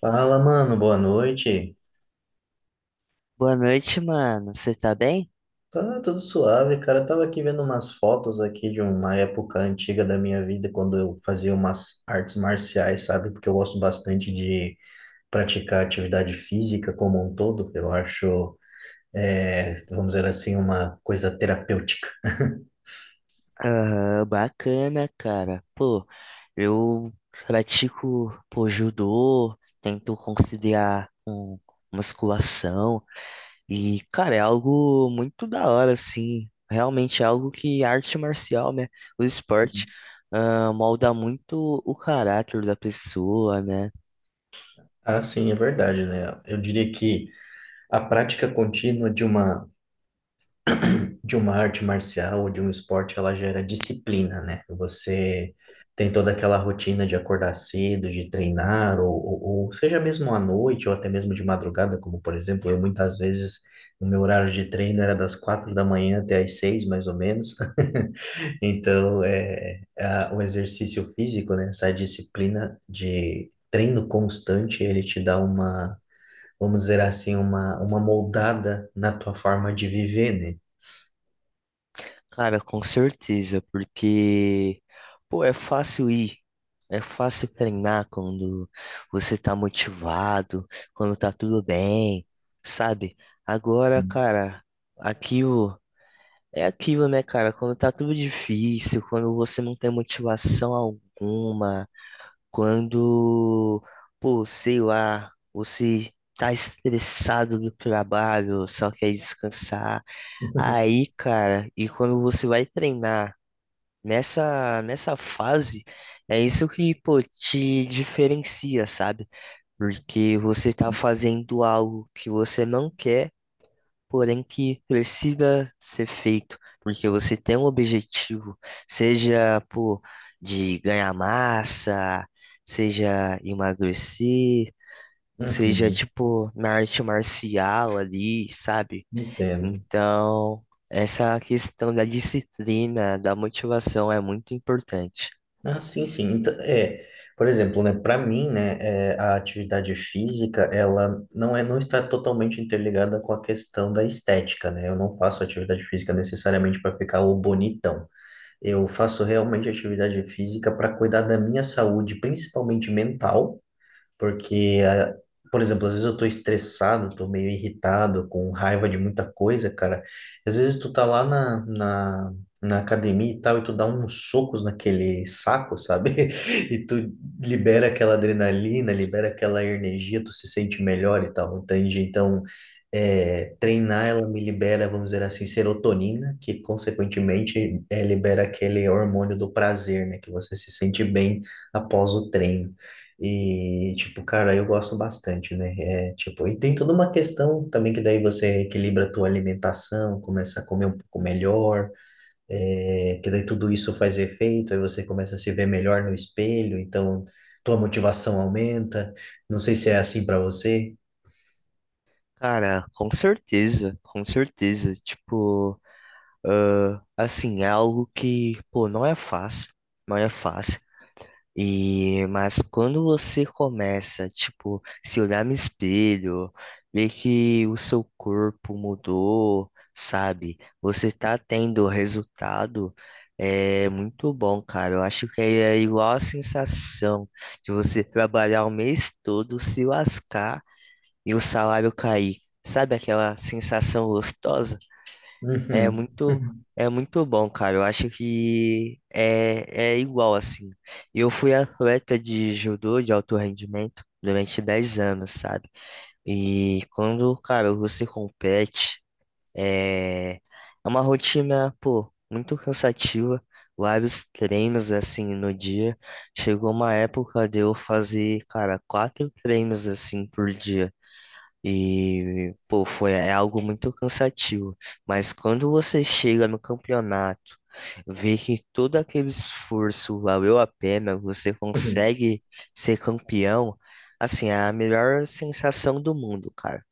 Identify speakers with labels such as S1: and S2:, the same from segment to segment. S1: Fala, mano, boa noite.
S2: Boa noite, mano. Você tá bem?
S1: Tá tudo suave, cara. Eu tava aqui vendo umas fotos aqui de uma época antiga da minha vida, quando eu fazia umas artes marciais, sabe? Porque eu gosto bastante de praticar atividade física como um todo. Eu acho, é, vamos dizer assim, uma coisa terapêutica.
S2: Ah, bacana, cara. Pô, eu pratico, pô, judô, tento conciliar com musculação e, cara, é algo muito da hora, assim. Realmente é algo que a arte marcial, né, o esporte, ah, molda muito o caráter da pessoa, né?
S1: Ah, sim, é verdade, né? Eu diria que a prática contínua de uma arte marcial ou de um esporte, ela gera disciplina, né? Você tem toda aquela rotina de acordar cedo, de treinar, ou seja mesmo à noite, ou até mesmo de madrugada, como por exemplo, eu muitas vezes, o meu horário de treino era das 4 da manhã até às 6, mais ou menos. Então, o exercício físico, né? Essa disciplina de treino constante, ele te dá uma, vamos dizer assim, uma moldada na tua forma de viver, né?
S2: Cara, com certeza, porque, pô, é fácil ir, é fácil treinar quando você tá motivado, quando tá tudo bem, sabe? Agora,
S1: Hum.
S2: cara, aquilo é aquilo, né, cara? Quando tá tudo difícil, quando você não tem motivação alguma, quando, pô, sei lá, você tá estressado do trabalho, só quer descansar. Aí, cara, e quando você vai treinar? Nessa fase, é isso que, pô, te diferencia, sabe? Porque você tá fazendo algo que você não quer, porém que precisa ser feito, porque você tem um objetivo, seja, pô, de ganhar massa, seja emagrecer, seja,
S1: Uhum,
S2: tipo, na arte marcial ali, sabe?
S1: entendo.
S2: Então, essa questão da disciplina, da motivação é muito importante.
S1: Ah, sim, sim. Então, por exemplo, né, para mim, né, a atividade física, ela não está totalmente interligada com a questão da estética, né? Eu não faço atividade física necessariamente para ficar o bonitão. Eu faço realmente atividade física para cuidar da minha saúde, principalmente mental. Porque, por exemplo, às vezes eu tô estressado, tô meio irritado, com raiva de muita coisa, cara. Às vezes tu tá lá na academia e tal, e tu dá uns socos naquele saco, sabe? E tu libera aquela adrenalina, libera aquela energia, tu se sente melhor e tal, entende? Então, treinar, ela me libera, vamos dizer assim, serotonina, que consequentemente libera aquele hormônio do prazer, né? Que você se sente bem após o treino. E, tipo, cara, eu gosto bastante, né? Tipo, e tem toda uma questão também que daí você equilibra a tua alimentação, começa a comer um pouco melhor, que daí tudo isso faz efeito, aí você começa a se ver melhor no espelho, então tua motivação aumenta. Não sei se é assim pra você.
S2: Cara, com certeza, com certeza. Tipo, assim, é algo que, pô, não é fácil, não é fácil. E, mas quando você começa, tipo, se olhar no espelho, ver que o seu corpo mudou, sabe? Você tá tendo resultado, é muito bom, cara. Eu acho que é igual a sensação de você trabalhar o mês todo, se lascar e o salário cair. Sabe aquela sensação gostosa? É
S1: Uhum.
S2: muito, é muito bom, cara. Eu acho que é igual assim. Eu fui atleta de judô de alto rendimento durante 10 anos, sabe? E quando, cara, você compete, é uma rotina, pô, muito cansativa. Vários treinos assim no dia. Chegou uma época de eu fazer, cara, quatro treinos assim por dia. E, pô, foi, é algo muito cansativo. Mas quando você chega no campeonato, vê que todo aquele esforço valeu a pena, você consegue ser campeão, assim, é a melhor sensação do mundo, cara.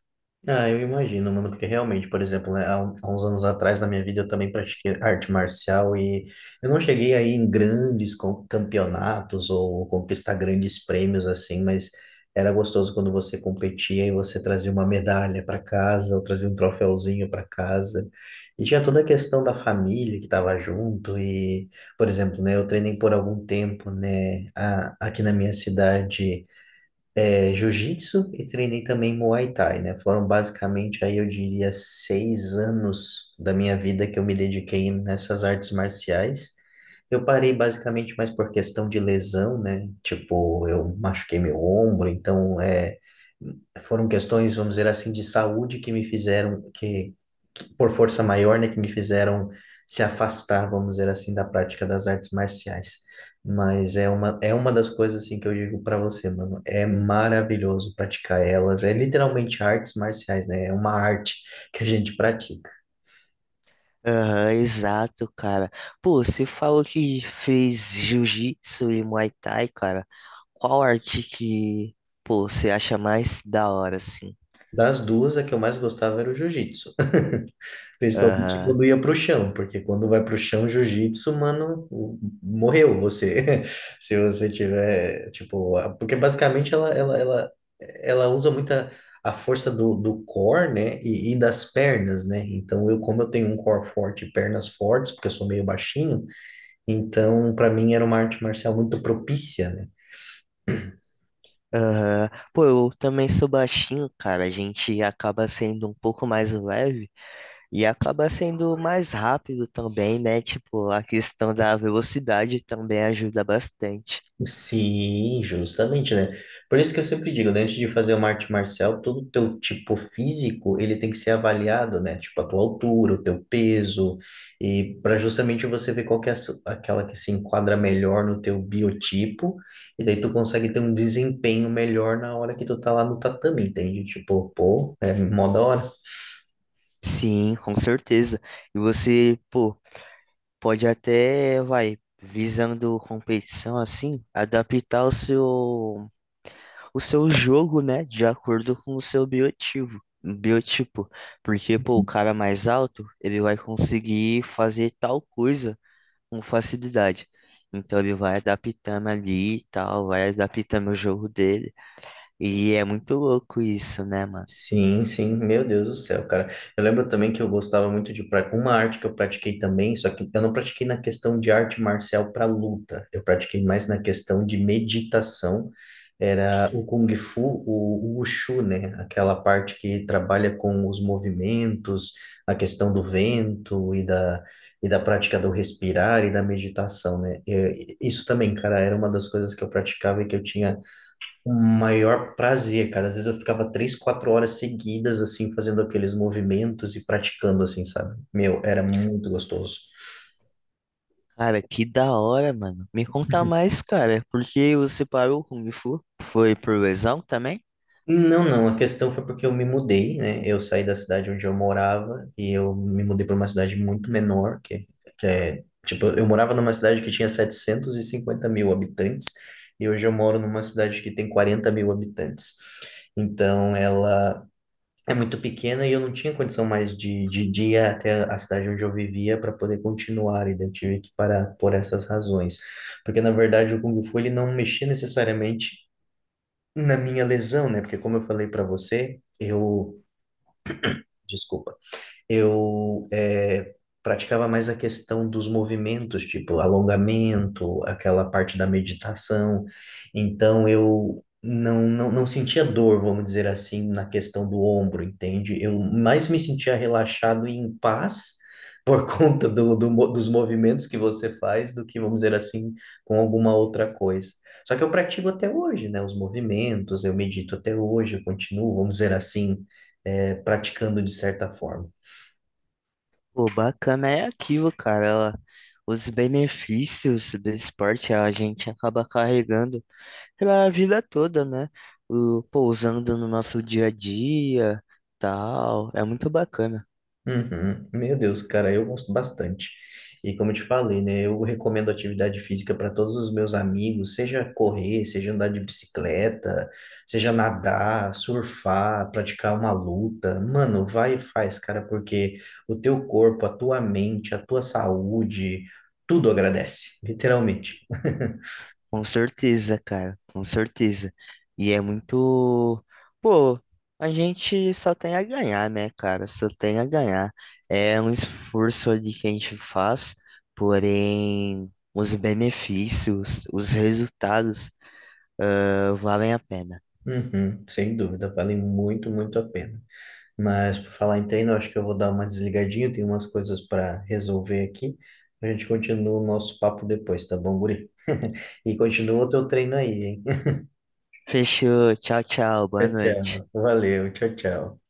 S1: Ah, eu imagino, mano, porque realmente, por exemplo, né, há uns anos atrás na minha vida eu também pratiquei arte marcial e eu não cheguei aí em grandes campeonatos ou conquistar grandes prêmios assim, mas era gostoso quando você competia e você trazia uma medalha para casa ou trazia um troféuzinho para casa. E tinha toda a questão da família que estava junto e, por exemplo, né, eu treinei por algum tempo, né, aqui na minha cidade, jiu-jitsu, e treinei também Muay Thai, né? Foram basicamente aí eu diria 6 anos da minha vida que eu me dediquei nessas artes marciais. Eu parei basicamente mais por questão de lesão, né? Tipo, eu machuquei meu ombro, então foram questões, vamos dizer assim, de saúde que me fizeram, que por força maior, né, que me fizeram se afastar, vamos dizer assim, da prática das artes marciais. Mas é uma, das coisas, assim, que eu digo para você, mano, é maravilhoso praticar elas, é literalmente artes marciais, né, é uma arte que a gente pratica.
S2: Aham, exato, cara. Pô, você falou que fez jiu-jitsu e muay thai, cara. Qual arte que, pô, você acha mais da hora, assim?
S1: Das duas, a que eu mais gostava era o jiu-jitsu. Principalmente
S2: Aham.
S1: quando ia pro chão, porque quando vai pro chão, jiu-jitsu, mano, morreu você. Se você tiver, tipo, porque basicamente ela usa muita a força do core, né, e das pernas, né? Então, eu, como eu tenho um core forte e pernas fortes, porque eu sou meio baixinho, então, para mim era uma arte marcial muito propícia, né?
S2: Aham. Pô, eu também sou baixinho, cara. A gente acaba sendo um pouco mais leve e acaba sendo mais rápido também, né? Tipo, a questão da velocidade também ajuda bastante.
S1: Sim, justamente, né? Por isso que eu sempre digo, né? Antes de fazer uma arte marcial, todo o teu tipo físico, ele tem que ser avaliado, né? Tipo, a tua altura, o teu peso, e para justamente você ver qual que é a aquela que se enquadra melhor no teu biotipo, e daí tu consegue ter um desempenho melhor na hora que tu tá lá no tatame, entende? Tipo, pô, é mó da hora.
S2: Sim, com certeza. E você, pô, pode até, vai, visando competição assim, adaptar o seu. O seu jogo, né, de acordo com o seu biotipo, biotipo. Porque, pô, o cara mais alto, ele vai conseguir fazer tal coisa com facilidade. Então ele vai adaptando ali e tal, vai adaptando o jogo dele. E é muito louco isso, né, mano?
S1: Sim, sim, meu Deus do céu, cara. Eu lembro também que eu gostava muito de uma arte que eu pratiquei também, só que eu não pratiquei na questão de arte marcial para luta. Eu pratiquei mais na questão de meditação. Era o Kung Fu, o Wushu, né? Aquela parte que trabalha com os movimentos, a questão do vento e da prática do respirar e da meditação, né? Isso também, cara, era uma das coisas que eu praticava e que eu tinha o maior prazer, cara. Às vezes eu ficava 3, 4 horas seguidas, assim, fazendo aqueles movimentos e praticando, assim, sabe? Meu, era muito gostoso.
S2: Cara, que da hora, mano. Me conta mais, cara, porque você parou com o Kung Fu? Foi por lesão também?
S1: Não, não, a questão foi porque eu me mudei, né? Eu saí da cidade onde eu morava e eu me mudei para uma cidade muito menor, que tipo, eu morava numa cidade que tinha 750 mil habitantes e hoje eu moro numa cidade que tem 40 mil habitantes. Então, ela é muito pequena e eu não tinha condição mais de ir até a cidade onde eu vivia para poder continuar, e daí eu tive que parar por essas razões. Porque, na verdade, o Kung Fu ele não mexia necessariamente na minha lesão, né? Porque, como eu falei para você, eu. Desculpa, eu praticava mais a questão dos movimentos, tipo alongamento, aquela parte da meditação. Então eu não sentia dor, vamos dizer assim, na questão do ombro, entende? Eu mais me sentia relaxado e em paz. Por conta dos movimentos que você faz, do que, vamos dizer assim, com alguma outra coisa. Só que eu pratico até hoje, né? Os movimentos, eu medito até hoje, eu continuo, vamos dizer assim, praticando de certa forma.
S2: Pô, bacana é aquilo, cara. Ela- os benefícios do esporte a gente acaba carregando pela vida toda, né? O, pô, usando no nosso dia a dia, tal. É muito bacana.
S1: Uhum. Meu Deus, cara, eu gosto bastante. E como eu te falei, né, eu recomendo atividade física para todos os meus amigos, seja correr, seja andar de bicicleta, seja nadar, surfar, praticar uma luta. Mano, vai e faz, cara, porque o teu corpo, a tua mente, a tua saúde, tudo agradece, literalmente.
S2: Com certeza, cara. Com certeza. E é muito. Pô, a gente só tem a ganhar, né, cara? Só tem a ganhar. É um esforço ali que a gente faz, porém, os benefícios, os resultados. Ah, valem a pena.
S1: Uhum, sem dúvida, vale muito, muito a pena. Mas por falar em treino, eu acho que eu vou dar uma desligadinha, tem umas coisas para resolver aqui. A gente continua o nosso papo depois, tá bom, guri? E continua o teu treino aí, hein?
S2: Fechou. Tchau, tchau. Boa
S1: Tchau,
S2: noite.
S1: tchau. Valeu, tchau, tchau.